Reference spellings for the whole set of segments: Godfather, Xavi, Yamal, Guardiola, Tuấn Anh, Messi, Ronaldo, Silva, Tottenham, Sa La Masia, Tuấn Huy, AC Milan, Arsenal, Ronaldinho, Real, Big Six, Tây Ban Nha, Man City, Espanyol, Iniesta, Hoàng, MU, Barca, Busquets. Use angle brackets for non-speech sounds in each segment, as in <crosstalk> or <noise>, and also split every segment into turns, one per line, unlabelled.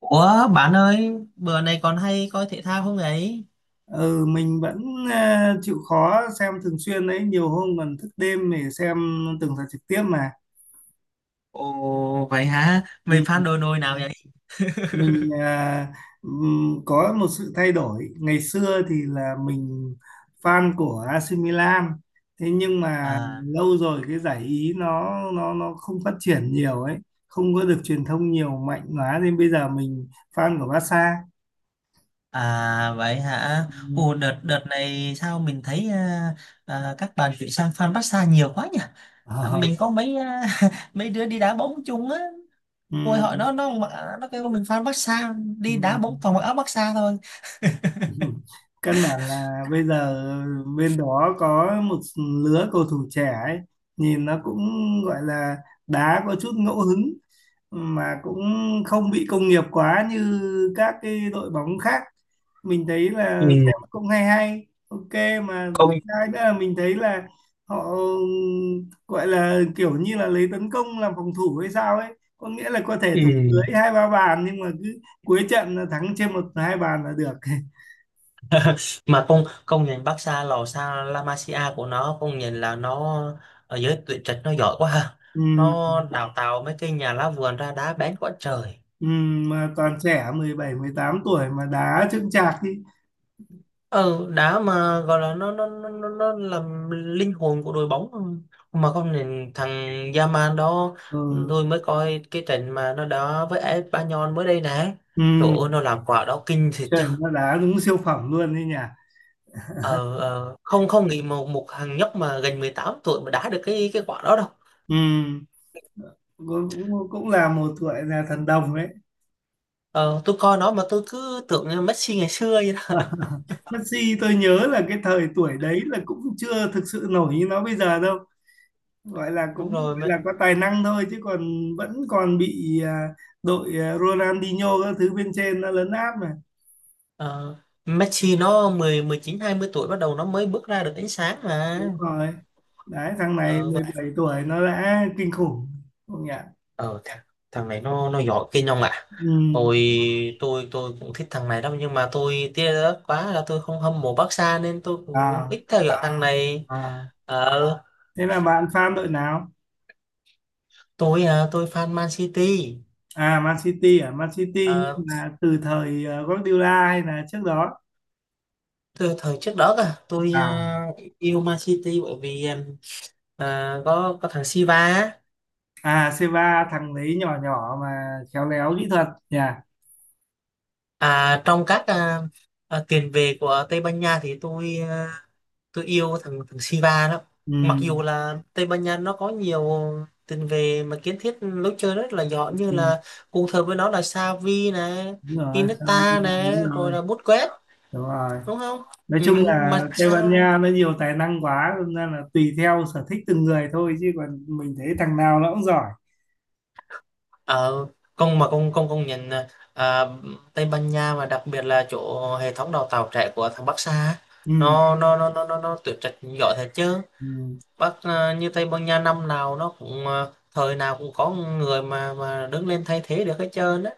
Ủa bạn ơi, bữa này còn hay coi thể thao không ấy?
Ừ, mình vẫn chịu khó xem thường xuyên đấy, nhiều hôm còn thức đêm để xem từng trận trực tiếp mà.
Ồ vậy hả? Mày fan
Ừ.
đội nồi nào vậy?
Mình có một sự thay đổi. Ngày xưa thì là mình fan của AC Milan, thế nhưng mà
À
lâu rồi cái giải Ý nó không phát triển nhiều ấy, không có được truyền thông nhiều mạnh quá nên bây giờ mình fan của Barca.
à vậy hả? Ồ đợt đợt này sao mình thấy các bạn chuyển sang fan Barca nhiều quá nhỉ?
Ờ.
Mình có mấy <laughs> mấy đứa đi đá bóng chung á,
Ừ.
ngồi hỏi nó kêu mình fan Barca đi đá
Ừ.
bóng toàn mặc áo Barca thôi.
<laughs> Căn bản là bây giờ bên đó có một lứa cầu thủ trẻ ấy, nhìn nó cũng gọi là đá có chút ngẫu hứng, mà cũng không bị công nghiệp quá như các cái đội bóng khác. Mình thấy
Ừ.
là xem cũng hay hay, ok mà.
Công
Hai nữa là mình thấy là họ gọi là kiểu như là lấy tấn công làm phòng thủ hay sao ấy, có nghĩa là có thể thủng lưới
ừ,
hai ba bàn nhưng mà cứ cuối trận là thắng trên một hai bàn là được. <laughs>
mà con công nhận Barca, lò Sa La Masia của nó, công nhận là nó ở giới tuyển trạch nó giỏi quá ha,
Ừ,
nó đào tạo mấy cái nhà lá vườn ra đá bén quá trời.
ừ, mà toàn trẻ 17, 18 tuổi mà đá chững chạc đi.
Ừ, đá mà gọi là nó làm linh hồn của đội bóng, mà công nhận thằng Yamal đó,
Ừ,
tôi mới coi cái trận mà nó đá với Espanyol mới đây nè.
ừ,
Trời ơi, nó làm quả đó kinh thiệt chứ.
trời nó đá đúng siêu phẩm luôn đấy nhỉ.
Ờ, không không nghĩ một một thằng nhóc mà gần 18 tuổi mà đá được cái quả đó đâu.
Ừ, cũng, cũng cũng là một tuổi là thần đồng đấy.
Ờ, tôi coi nó mà tôi cứ tưởng như Messi ngày xưa vậy đó.
Messi tôi nhớ là cái thời tuổi đấy là cũng chưa thực sự nổi như nó bây giờ đâu. Gọi là
Đúng
cũng
rồi.
là có tài năng thôi chứ còn vẫn còn bị đội Ronaldinho các thứ bên trên nó lấn áp mà.
Ờ, Messi nó mười, mười chín hai mươi tuổi bắt đầu nó mới bước ra được ánh sáng
Đúng
mà.
rồi. Đấy thằng này
Ờ,
mười
vậy-
bảy tuổi nó đã kinh khủng. Không nhỉ?
ờ thằng, thằng này nó giỏi kinh không ạ?
Ừ.
Tôi tôi cũng thích thằng này đâu, nhưng mà tôi tiếc đó quá là tôi không hâm mộ Barca nên tôi cũng
À,
ít theo dõi thằng này.
à.
Ờ,
Thế là bạn fan đội nào?
tôi fan Man City.
À? Man City
Ờ,
nhưng là từ thời Guardiola hay là trước đó?
từ thời trước đó cả
À,
yêu Man City bởi vì có thằng Silva á.
à, C3 thằng đấy nhỏ nhỏ mà khéo léo kỹ thuật nhỉ?
Trong các tiền vệ của Tây Ban Nha thì tôi yêu thằng thằng Silva đó.
Ừ.
Mặc dù là Tây Ban Nha nó có nhiều tiền vệ mà kiến thiết lối chơi rất là giỏi, như
Ừ.
là cùng thời với nó là Xavi này,
Đúng rồi, Xavi,
Iniesta này,
đúng
rồi
rồi,
là Busquets,
đúng rồi.
đúng không?
Nói
Ừ,
chung là
mà
Tây Ban
sao
Nha nó nhiều tài năng quá, nên là tùy theo sở thích từng người thôi chứ còn mình thấy thằng nào nó cũng giỏi.
ở công mà công công công nhận là, à, Tây Ban Nha mà đặc biệt là chỗ hệ thống đào tạo trẻ của thằng Barca á,
Ừ.
nó tuyển trạch giỏi thật chứ.
Ừ.
Như Tây Ban Nha năm nào nó cũng thời nào cũng có người mà đứng lên thay thế được hết trơn á.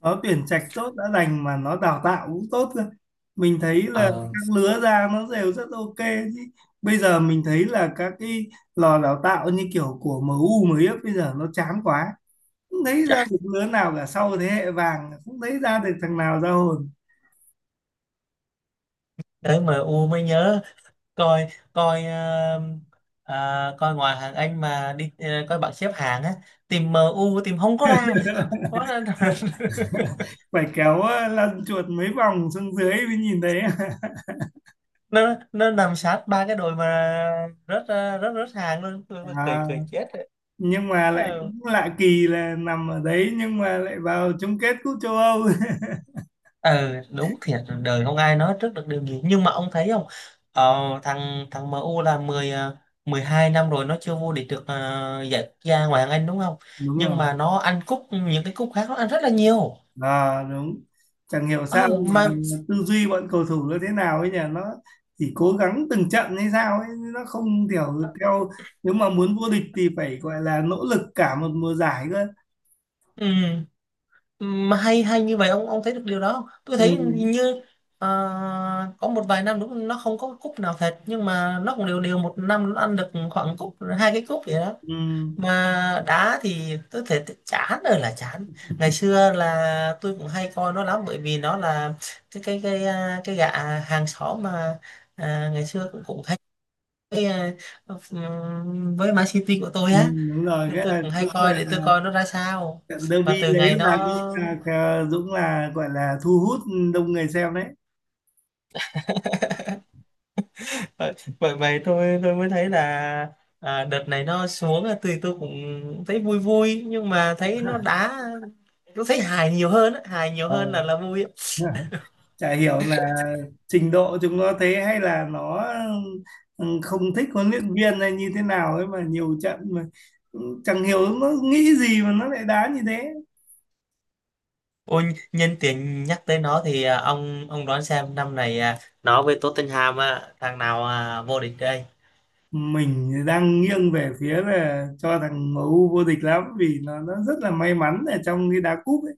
Nó tuyển trạch tốt đã đành mà nó đào tạo cũng tốt cơ, mình thấy là
Ờ,
các lứa ra nó đều rất ok. Chứ bây giờ mình thấy là các cái lò đào tạo như kiểu của MU mới ép bây giờ nó chán quá, không thấy ra được lứa nào cả, sau thế hệ vàng không thấy ra được thằng nào ra hồn.
đấy mà U mới nhớ coi coi ờ, à, coi ngoài hàng Anh mà đi coi bảng xếp hạng á, tìm em u tìm không có ra. nó, nó, <laughs>
Phải kéo lăn chuột mấy vòng xuống dưới mới nhìn thấy.
nó nằm sát ba cái đội mà rất rất rất hàng luôn.
<laughs>
Tôi cười
À,
cười chết.
nhưng mà lại
Ờ,
cũng lạ kỳ là nằm ở đấy nhưng mà lại vào chung kết cúp châu Âu. <laughs>
ừ, đúng thiệt, đời không ai nói trước được điều gì, nhưng mà ông thấy không, ờ, thằng thằng MU là 12 năm rồi nó chưa vô địch được giải quốc gia ngoại hạng Anh đúng không,
Đúng rồi.
nhưng mà nó ăn cúp, những cái cúp khác nó ăn rất là nhiều.
À, đúng. Chẳng hiểu sao
ừ,
mà
mà
tư duy bọn cầu thủ nó thế nào ấy nhỉ, nó chỉ cố gắng từng trận hay sao ấy, nó không kiểu theo. Nếu mà muốn vô địch thì phải gọi là nỗ lực cả một mùa giải cơ.
ừ, mà hay hay như vậy ông thấy được điều đó không? Tôi
Ừ,
thấy hình như ờ, có một vài năm đúng nó không có cúp nào thật, nhưng mà nó cũng đều đều một năm nó ăn được khoảng cúp, hai cái cúp vậy đó.
ừ,
Mà đá thì tôi thấy chán rồi là chán. Ngày xưa là tôi cũng hay coi nó lắm bởi vì nó là cái gã hàng xóm mà, ngày xưa cũng cũng hay với, à, với Man City của tôi
ừ,
á,
đúng rồi,
nên
cái
tôi
là
cũng hay
cũng là
coi để tôi coi nó ra sao.
trận
Mà
derby
từ
đấy
ngày
là,
nó
cũng là Dũng là gọi là thu hút đông người xem đấy.
vậy vậy vậy tôi mới thấy là đợt này nó xuống là tôi cũng thấy vui vui, nhưng mà thấy nó
<laughs>
đá tôi thấy hài nhiều hơn á, hài nhiều hơn là vui á.
Ờ. Chả hiểu là trình độ chúng nó thế, hay là nó, ừ, không thích huấn luyện viên hay như thế nào ấy, mà nhiều trận mà, ừ, chẳng hiểu nó nghĩ gì mà nó lại đá như thế.
Ôi, nhân tiện nhắc tới nó thì ông đoán xem năm này nó với Tottenham á, thằng nào vô địch đây?
Mình đang nghiêng về phía là cho thằng MU vô địch lắm vì nó rất là may mắn ở trong cái đá cúp ấy.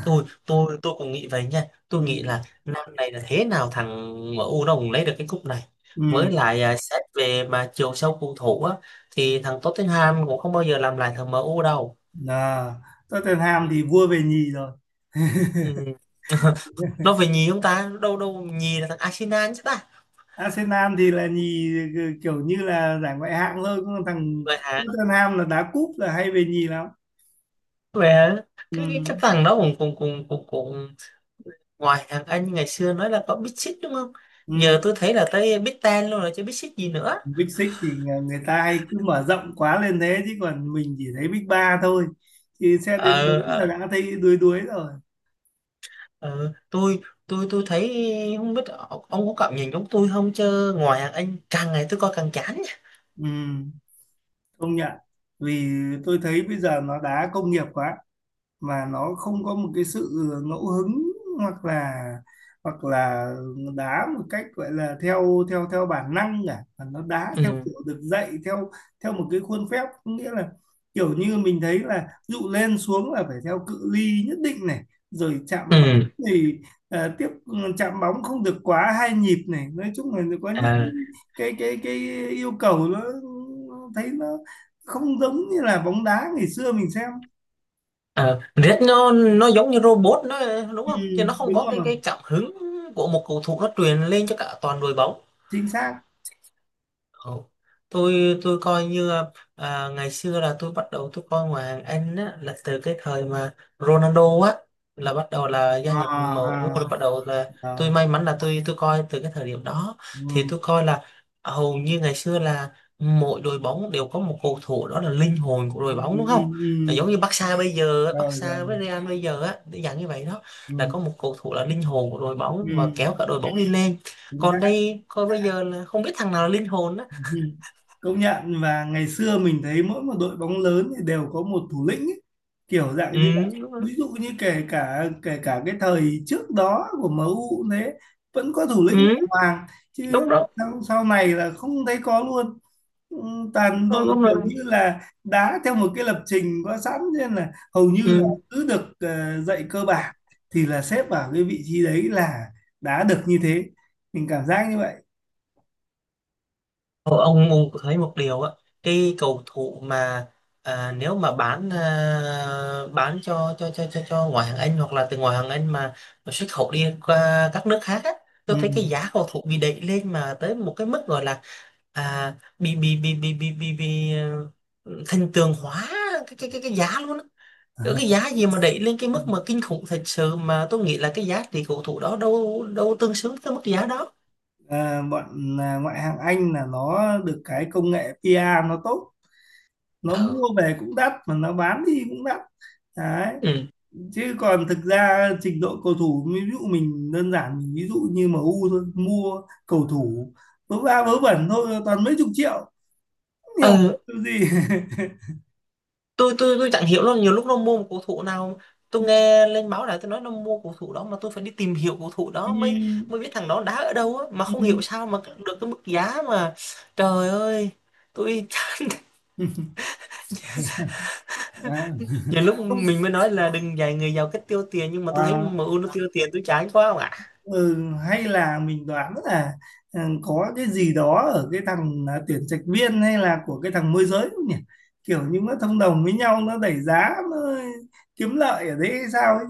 Tôi cũng nghĩ vậy nha. Tôi nghĩ
Ừ.
là năm này là thế nào thằng MU nó cũng lấy được cái cúp này.
Ừ.
Với lại xét về mà chiều sâu cầu thủ á thì thằng Tottenham cũng không bao giờ làm lại thằng MU đâu.
À, Tottenham thì vua về nhì rồi.
Ừ. Nó về nhì không ta? Đâu đâu, nhì là thằng Arsenal chứ ta.
Arsenal thì là nhì, ừ, kiểu như là giải ngoại hạng thôi, còn thằng
Vậy hả?
Tottenham là đá cúp là hay về nhì lắm.
Vậy hả?
Ừ.
Cái thằng đó cũng cũng cũng cũng cũng ngoài hàng Anh ngày xưa nói là có Big Six đúng không,
Ừ.
giờ tôi thấy là tới Big Ten luôn rồi chứ Big Six gì nữa.
Big Six thì người ta hay cứ mở rộng quá lên thế, chứ còn mình chỉ thấy Big Ba thôi, thì sẽ đến
ờ,
bốn là
ờ,
đã thấy đuối đuối rồi.
ờ, tôi tôi tôi thấy không biết ông có cảm nhận giống tôi không, chứ ngoài hàng Anh càng ngày tôi coi càng chán nha.
Ừ, công nhận. Vì tôi thấy bây giờ nó đá công nghiệp quá, mà nó không có một cái sự ngẫu hứng, hoặc là hoặc là đá một cách gọi là theo theo theo bản năng cả, mà nó đá theo
ừ
kiểu được dạy, theo theo một cái khuôn phép. Có nghĩa là kiểu như mình thấy là ví dụ lên xuống là phải theo cự ly nhất định này, rồi chạm bóng
ừ
thì tiếp chạm bóng không được quá hai nhịp này. Nói chung là có những
à,
cái yêu cầu, nó thấy nó không giống như là bóng đá ngày xưa mình xem.
Red nó giống như robot nó, đúng
Ừ,
không, chứ nó không
đúng
có
rồi,
cái cảm hứng của một cầu thủ nó truyền lên cho cả toàn đội bóng.
chính xác.
Ồ, tôi coi như ngày xưa là tôi bắt đầu tôi coi ngoại hạng Anh á, là từ cái thời mà Ronaldo á là bắt đầu là gia
À,
nhập em U, rồi bắt đầu là
à,
tôi
rồi.
may mắn là tôi coi từ cái thời điểm đó. Thì
Ừ,
tôi coi là hầu như ngày xưa là mỗi đội bóng đều có một cầu thủ đó là linh hồn của đội
ừ,
bóng đúng
ừ,
không, là
ừ.
giống như Barca bây giờ á,
Rồi,
Barca
rồi.
với Real bây giờ á để dạng như vậy đó, là
Ừ,
có một cầu thủ là linh hồn của đội bóng và
ừ,
kéo cả đội bóng đi lên,
chính
còn
xác.
đây coi bây giờ là không biết thằng nào là linh hồn á.
Ừ, công nhận, và ngày xưa mình thấy mỗi một đội bóng lớn thì đều có một thủ lĩnh ấy, kiểu
Ừ,
dạng như vậy.
đúng rồi.
Ví dụ như kể cả cái thời trước đó của MU cũng thế, vẫn có thủ lĩnh của
Ừ,
Hoàng chứ
đúng đó.
sau này là không thấy có luôn. Ừ, toàn
Ờ,
đội
đúng
kiểu
rồi,
như là đá theo một cái lập trình có sẵn, nên là hầu như là
ừ.
cứ được dạy cơ bản thì là xếp vào cái vị trí đấy là đá được như thế, mình cảm giác như vậy.
Ờ, ông thấy một điều á, cái cầu thủ mà nếu mà bán cho ngoại hạng Anh, hoặc là từ ngoại hạng Anh mà xuất khẩu đi qua các nước khác á, tôi thấy cái giá cầu thủ bị đẩy lên mà tới một cái mức gọi là à, bị ờ, thần tượng hóa cái giá luôn á. Ở cái giá gì mà đẩy lên cái
Ừ.
mức mà kinh khủng thật sự, mà tôi nghĩ là cái giá trị cầu thủ đó đâu đâu tương xứng với mức giá đó.
Ờ, bọn ngoại hạng Anh là nó được cái công nghệ PR nó tốt, nó
Ờ,
mua về cũng đắt mà nó bán đi cũng đắt đấy.
ừ.
Chứ còn thực ra trình độ cầu thủ, ví dụ mình đơn giản, mình ví dụ như MU thôi, mua cầu thủ vớ va vớ vẩn thôi, toàn mấy chục triệu, không hiểu
ờ
cái gì.
tôi chẳng hiểu luôn, nhiều lúc nó mua một cầu thủ nào tôi nghe lên báo đài tôi nói nó mua cầu thủ đó mà tôi phải đi tìm hiểu cầu thủ đó mới mới biết
<laughs>
thằng đó đá ở đâu á, mà
Ừ,
không
ừ.
hiểu sao mà được cái mức giá mà trời ơi, tôi chán. <laughs>
À,
Nhiều lúc
không,
mình mới nói là đừng dạy người giàu cách tiêu tiền, nhưng mà tôi thấy
à,
MU nó tiêu tiền tôi chán quá không ạ.
ừ, hay là mình đoán là, ừ, có cái gì đó ở cái thằng tuyển trạch viên, hay là của cái thằng môi giới không nhỉ, kiểu như nó thông đồng với nhau, nó đẩy giá, nó kiếm lợi ở đấy hay sao ấy.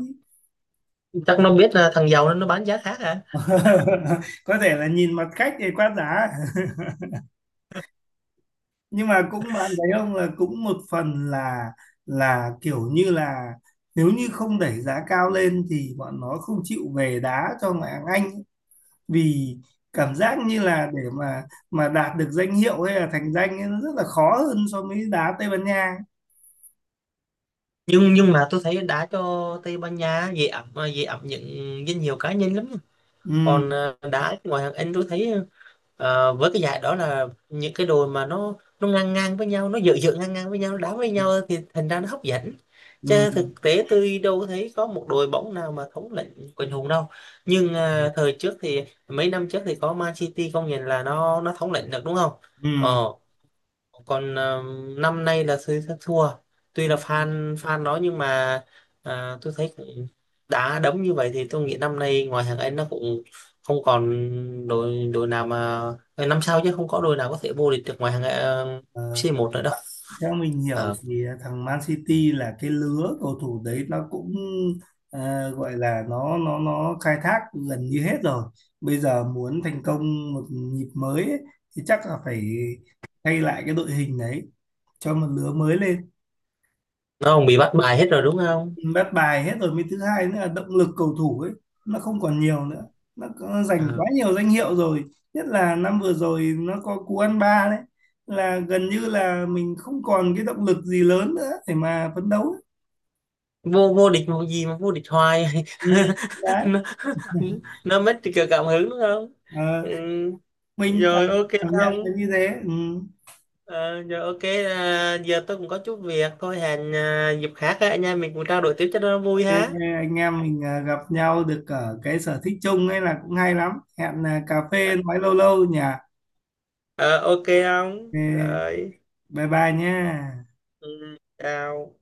Chắc nó biết là thằng giàu nên nó bán giá khác à.
<laughs> Có thể là nhìn mặt khách thì quá giá. <laughs> Nhưng mà cũng bạn thấy không, là cũng một phần là kiểu như là, nếu như không đẩy giá cao lên thì bọn nó không chịu về đá cho ngoại hạng Anh, vì cảm giác như là để mà đạt được danh hiệu hay là thành danh ấy, nó rất là khó hơn so với đá Tây Ban Nha.
Nhưng mà tôi thấy đá cho Tây Ban Nha dễ ẩm dễ ẩm những danh hiệu cá nhân lắm.
Ừ,
Còn đá ngoài hàng Anh tôi thấy với cái giải đó là những cái đội mà nó ngang ngang với nhau, nó dựa dựa ngang ngang với nhau nó đá với nhau thì thành ra nó hấp dẫn,
ừ,
chứ thực tế tôi đâu có thấy có một đội bóng nào mà thống lĩnh quần hùng đâu. Nhưng thời trước thì mấy năm trước thì có Man City, công nhận là nó thống lĩnh được đúng không.
ừ,
Ờ, còn năm nay là thấy thất thua, tuy
ừ.
là fan fan nó nhưng mà tôi thấy cũng đá đấm như vậy thì tôi nghĩ năm nay ngoài hàng Anh nó cũng không còn đội đội nào mà năm sau chứ không có đội nào có thể vô địch được ngoài hàng ờ,
Ờ,
c một nữa đâu.
theo mình
Ờ,
hiểu thì thằng Man City là cái lứa cầu thủ đấy nó cũng gọi là nó khai thác gần như hết rồi, bây giờ muốn thành công một nhịp mới ấy, thì chắc là phải thay lại cái đội hình đấy cho một lứa mới lên.
nó cũng bị bắt bài hết rồi đúng không.
Bắt bài hết rồi, mới thứ hai nữa là động lực cầu thủ ấy, nó không còn nhiều nữa. Nó giành
Ờ,
quá nhiều danh hiệu rồi, nhất là năm vừa rồi nó có cú ăn ba đấy, là gần như là mình không còn cái động lực gì lớn nữa để mà phấn đấu ấy.
vô vô địch một gì mà vô địch hoài.
Ừ,
<laughs>
đấy.
nó nó mất cả cảm hứng đúng không.
Ờ,
Ừ.
mình
Rồi ok
cảm nhận là
không.
như thế. Ừ.
Ờ, giờ ok giờ tôi cũng có chút việc thôi, hẹn dịp khác á, anh em mình cũng trao đổi tiếp cho nó vui
Thế,
ha.
anh em mình gặp nhau được ở cái sở thích chung ấy là cũng hay lắm. Hẹn cà
Ờ
phê nói lâu lâu nhỉ.
ờ, ok không?
Thế,
Rồi.
bye bye nhé.
Ừ, chào.